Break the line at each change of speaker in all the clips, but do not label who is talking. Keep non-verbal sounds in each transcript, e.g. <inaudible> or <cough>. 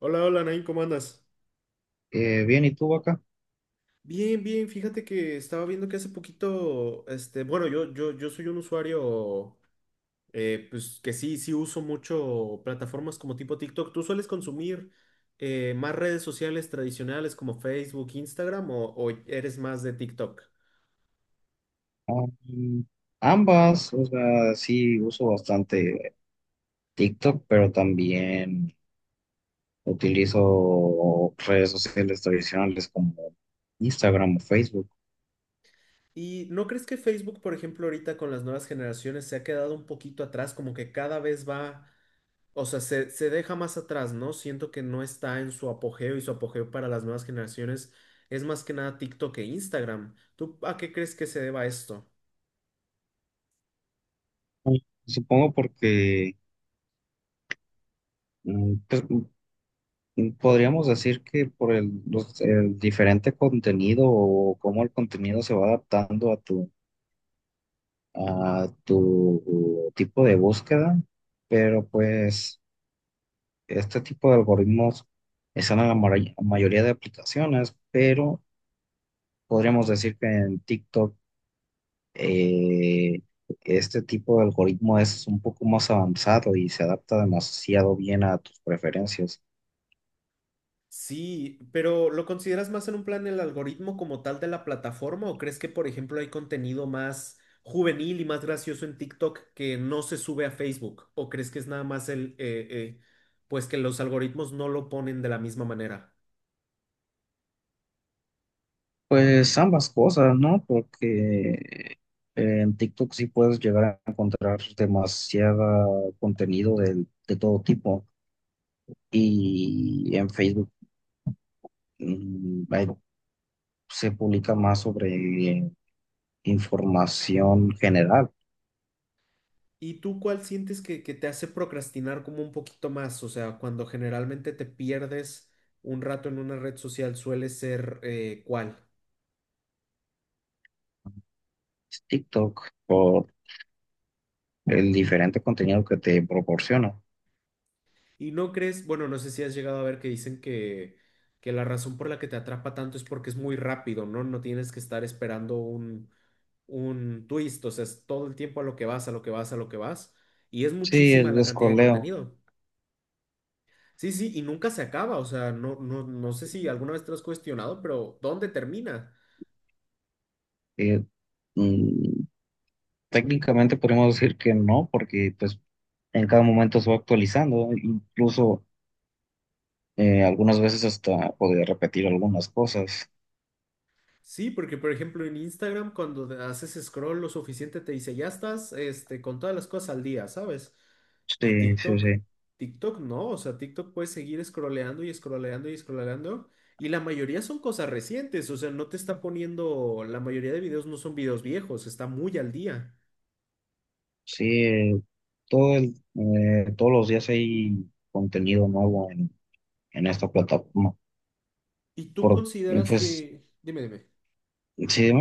Hola, hola, Nain, ¿cómo andas?
Bien, ¿y tú acá?
Bien, bien, fíjate que estaba viendo que hace poquito, este, bueno, yo soy un usuario, pues que sí, sí uso mucho plataformas como tipo TikTok. ¿Tú sueles consumir más redes sociales tradicionales como Facebook, Instagram o eres más de TikTok?
Ambas, o sea, sí uso bastante TikTok, pero también utilizo redes sociales tradicionales como Instagram o Facebook.
¿Y no crees que Facebook, por ejemplo, ahorita con las nuevas generaciones se ha quedado un poquito atrás, como que cada vez va. O sea, se deja más atrás, ¿no? Siento que no está en su apogeo y su apogeo para las nuevas generaciones es más que nada TikTok e Instagram. ¿Tú a qué crees que se deba esto?
Supongo porque pues, podríamos decir que por el diferente contenido o cómo el contenido se va adaptando a tu tipo de búsqueda, pero pues este tipo de algoritmos están en la mayoría de aplicaciones, pero podríamos decir que en TikTok eh, este tipo de algoritmo es un poco más avanzado y se adapta demasiado bien a tus preferencias.
Sí, pero ¿lo consideras más en un plan el algoritmo como tal de la plataforma o crees que, por ejemplo, hay contenido más juvenil y más gracioso en TikTok que no se sube a Facebook? ¿O crees que es nada más el, pues que los algoritmos no lo ponen de la misma manera?
Pues ambas cosas, ¿no? Porque en TikTok sí puedes llegar a encontrar demasiado contenido de todo tipo, y en Facebook, mm, hay- se publica más sobre información general.
¿Y tú cuál sientes que te hace procrastinar como un poquito más? O sea, cuando generalmente te pierdes un rato en una red social, suele ser ¿cuál?
TikTok, por el diferente contenido que te proporciona.
Y no crees, bueno, no sé si has llegado a ver que dicen que, la razón por la que te atrapa tanto es porque es muy rápido, ¿no? No tienes que estar esperando un twist, o sea, es todo el tiempo a lo que vas, a lo que vas, a lo que vas. Y es
Sí,
muchísima
el
la cantidad de
descoleo,
contenido. Sí, sí, y nunca se acaba, o sea, no, no, no sé si alguna vez te lo has cuestionado, pero ¿dónde termina?
eh, mm, técnicamente podemos decir que no, porque pues en cada momento se va actualizando, incluso algunas veces hasta podría repetir algunas cosas.
Sí, porque por ejemplo en Instagram cuando te haces scroll lo suficiente te dice, ya estás este, con todas las cosas al día, ¿sabes? Y
Sí, sí,
TikTok,
sí.
TikTok no, o sea, TikTok puedes seguir scrolleando y scrolleando y scrolleando y la mayoría son cosas recientes, o sea, no te está poniendo, la mayoría de videos no son videos viejos, está muy al día.
Sí, todos los días hay contenido nuevo en esta plataforma.
¿Y tú
Por,
consideras
pues,
que, dime, dime?
sí.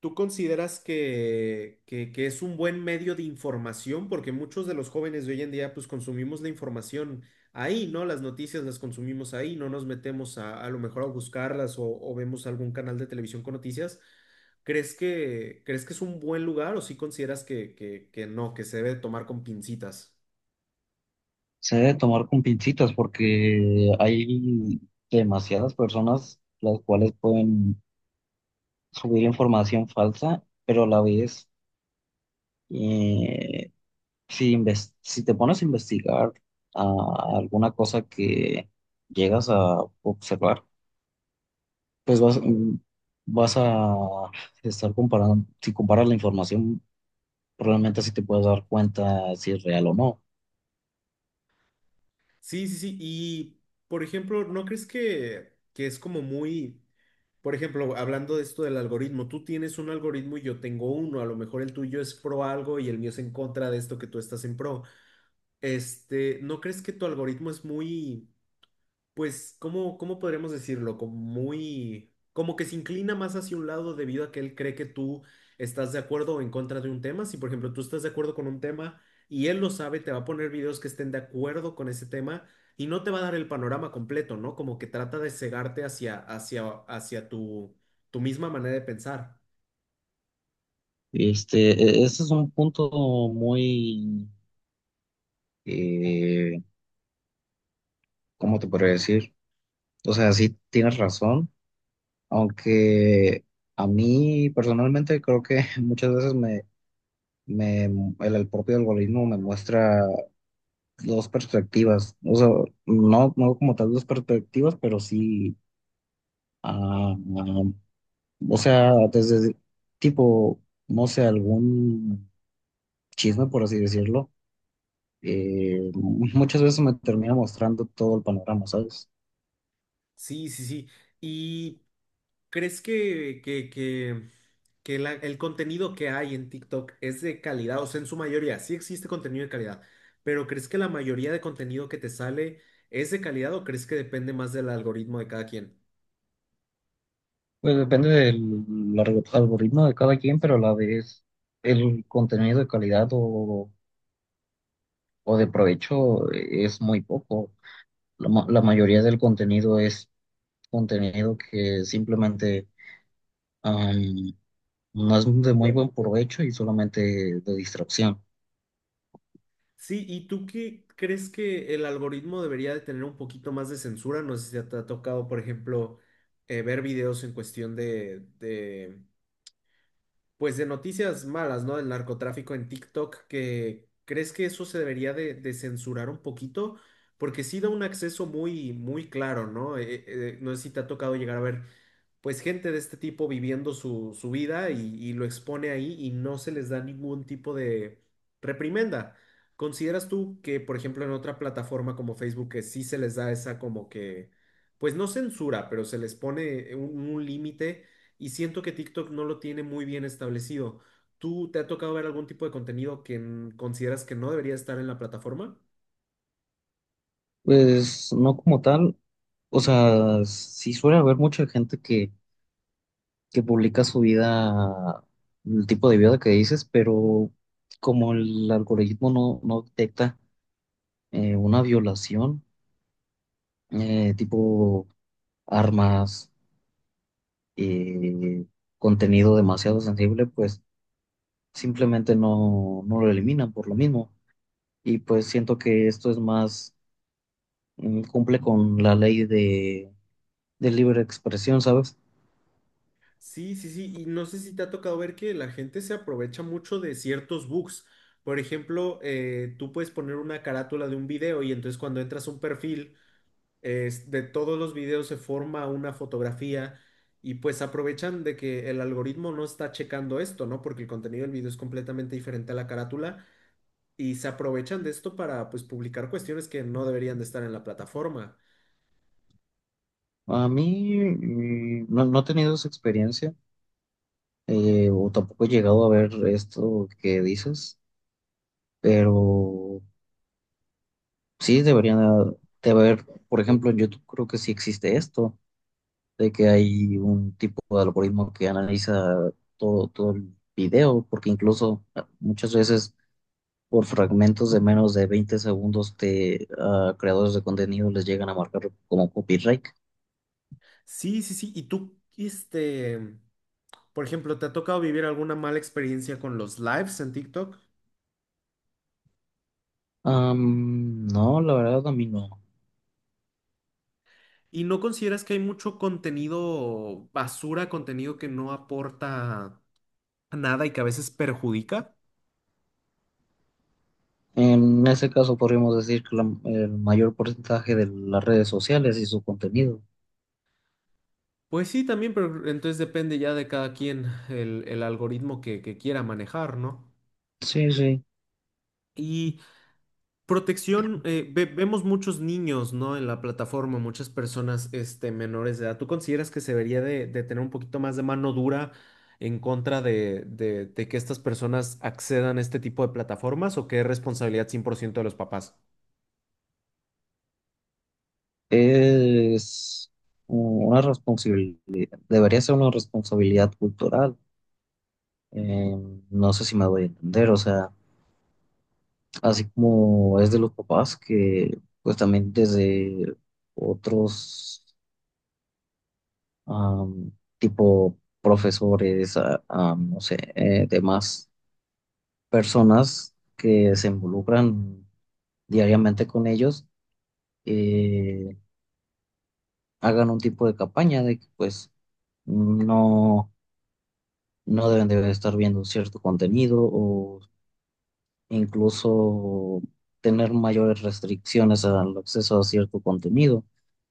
¿Tú consideras que, que es un buen medio de información? Porque muchos de los jóvenes de hoy en día, pues consumimos la información ahí, ¿no? Las noticias las consumimos ahí, no nos metemos a lo mejor a buscarlas o vemos algún canal de televisión con noticias. Crees que es un buen lugar o sí consideras que, que no, que se debe tomar con pincitas?
Se debe tomar con pincitas porque hay demasiadas personas las cuales pueden subir información falsa, pero a la vez, eh, si te pones a investigar a alguna cosa que llegas a observar, pues vas a estar comparando; si comparas la información, probablemente así te puedes dar cuenta si es real o no.
Sí, sí, sí. Y, por ejemplo, ¿no crees que es como muy... Por ejemplo, hablando de esto del algoritmo, tú tienes un algoritmo y yo tengo uno, a lo mejor el tuyo es pro algo y el mío es en contra de esto que tú estás en pro? Este, ¿no crees que tu algoritmo es muy, pues, ¿cómo, cómo podríamos decirlo? Como muy, como que se inclina más hacia un lado debido a que él cree que tú estás de acuerdo o en contra de un tema. Si, por ejemplo, tú estás de acuerdo con un tema y él lo sabe, te va a poner videos que estén de acuerdo con ese tema y no te va a dar el panorama completo, ¿no? Como que trata de cegarte hacia tu, misma manera de pensar.
Este, ese es un punto muy, eh, ¿cómo te podría decir? O sea, sí tienes razón, aunque a mí personalmente creo que <laughs> muchas veces me, el propio algoritmo me muestra dos perspectivas, o sea, no como tal dos perspectivas, pero sí, ah, ah, o sea, desde tipo, no sé, algún chisme, por así decirlo, muchas veces me termina mostrando todo el panorama, ¿sabes?
Sí, sí, sí. Y ¿crees que el contenido que hay en TikTok es de calidad? O sea, en su mayoría, sí existe contenido de calidad, pero ¿crees que la mayoría de contenido que te sale es de calidad o crees que depende más del algoritmo de cada quien?
Pues depende del algoritmo de cada quien, pero a la vez el contenido de calidad o de provecho es muy poco. La mayoría del contenido es contenido que simplemente am, no es de muy buen provecho y solamente de distracción.
Sí, ¿y tú qué crees que el algoritmo debería de tener un poquito más de censura? No sé si te ha tocado, por ejemplo, ver videos en cuestión de, pues de noticias malas, ¿no? Del narcotráfico en TikTok, que crees que eso se debería de, censurar un poquito, porque sí da un acceso muy, muy claro, ¿no? No sé si te ha tocado llegar a ver, pues gente de este tipo viviendo su vida y lo expone ahí y no se les da ningún tipo de reprimenda. ¿Consideras tú que, por ejemplo, en otra plataforma como Facebook, que sí se les da esa como que, pues no censura, pero se les pone un límite? Y siento que TikTok no lo tiene muy bien establecido. ¿Tú te ha tocado ver algún tipo de contenido que consideras que no debería estar en la plataforma?
Pues no como tal, o sea, sí suele haber mucha gente que publica su vida, el tipo de vida que dices, pero como el algoritmo no detecta una violación, tipo armas, eh, contenido demasiado sensible, pues simplemente no lo eliminan por lo mismo. Y pues siento que esto es más, cumple con la ley de libre expresión, ¿sabes?
Sí, sí, sí. Y no sé si te ha tocado ver que la gente se aprovecha mucho de ciertos bugs. Por ejemplo, tú puedes poner una carátula de un video y entonces cuando entras a un perfil, de todos los videos se forma una fotografía y pues aprovechan de que el algoritmo no está checando esto, ¿no? Porque el contenido del video es completamente diferente a la carátula y se aprovechan de esto para pues publicar cuestiones que no deberían de estar en la plataforma.
A mí no he tenido esa experiencia, o tampoco he llegado a ver esto que dices, pero sí deberían de haber, por ejemplo, en YouTube creo que sí existe esto de que hay un tipo de algoritmo que analiza todo, todo el video, porque incluso muchas veces por fragmentos de menos de 20 segundos de creadores de contenido les llegan a marcar como copyright.
Sí, sí, sí. ¿Y tú, este, por ejemplo, te ha tocado vivir alguna mala experiencia con los lives en TikTok?
No, la verdad a mí no.
¿Y no consideras que hay mucho contenido basura, contenido que no aporta nada y que a veces perjudica?
En ese caso podríamos decir que el mayor porcentaje de las redes sociales y su contenido.
Pues sí, también, pero entonces depende ya de cada quien el algoritmo que quiera manejar, ¿no?
Sí, sí.
Y protección, vemos muchos niños, ¿no? En la plataforma, muchas personas, este, menores de edad. ¿Tú consideras que se debería de tener un poquito más de mano dura en contra de, de que estas personas accedan a este tipo de plataformas o que es responsabilidad 100% de los papás?
Es una responsabilidad, debería ser una responsabilidad cultural. Eh, no sé si me voy a entender, o sea, así como es de los papás, que pues también desde otros, am, tipo profesores, no sé, demás personas que se involucran diariamente con ellos, eh, hagan un tipo de campaña de que pues no, no deben de estar viendo cierto contenido, incluso tener mayores restricciones al acceso a cierto contenido,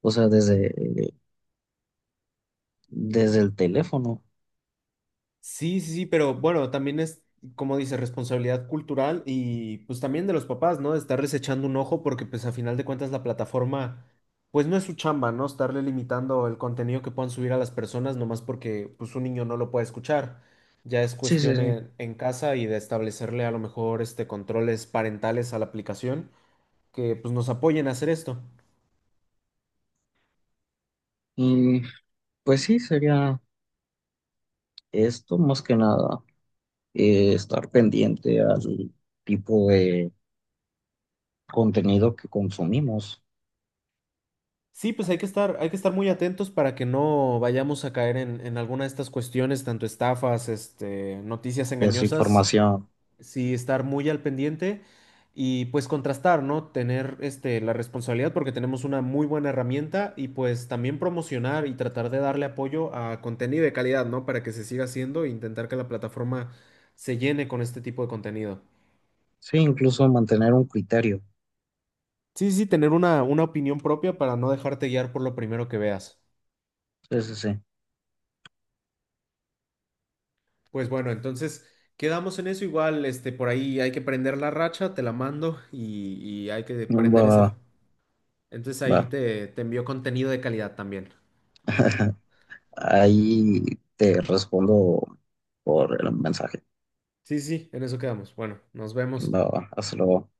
o sea, desde el teléfono.
Sí, sí, sí, pero bueno, también es, como dice, responsabilidad cultural y pues también de los papás, ¿no? Estarles echando un ojo porque pues a final de cuentas la plataforma, pues no es su chamba, ¿no? Estarle limitando el contenido que puedan subir a las personas nomás porque pues un niño no lo puede escuchar. Ya es
Sí, sí,
cuestión
sí.
en casa y de establecerle a lo mejor este controles parentales a la aplicación que pues nos apoyen a hacer esto.
Y pues sí, sería esto más que nada, estar pendiente al tipo de contenido que consumimos,
Sí, pues hay que estar muy atentos para que no vayamos a caer en alguna de estas cuestiones, tanto estafas, este, noticias
de su
engañosas.
información.
Sí, estar muy al pendiente y pues contrastar, ¿no? Tener este, la responsabilidad porque tenemos una muy buena herramienta y pues también promocionar y tratar de darle apoyo a contenido de calidad, ¿no? Para que se siga haciendo e intentar que la plataforma se llene con este tipo de contenido.
Sí, incluso mantener un criterio.
Sí, sí, sí, tener una, opinión propia para no dejarte guiar por lo primero que veas.
Sí, sí, sí.
Pues bueno, entonces quedamos en eso igual, este, por ahí hay que prender la racha, te la mando y hay que
Va,
prender
va.
ese. Entonces ahí
Va.
te, envío contenido de calidad también.
<laughs> Ahí te respondo por el mensaje.
Sí, sí, sí, en eso quedamos. Bueno, nos vemos.
Va, va. Hasta luego.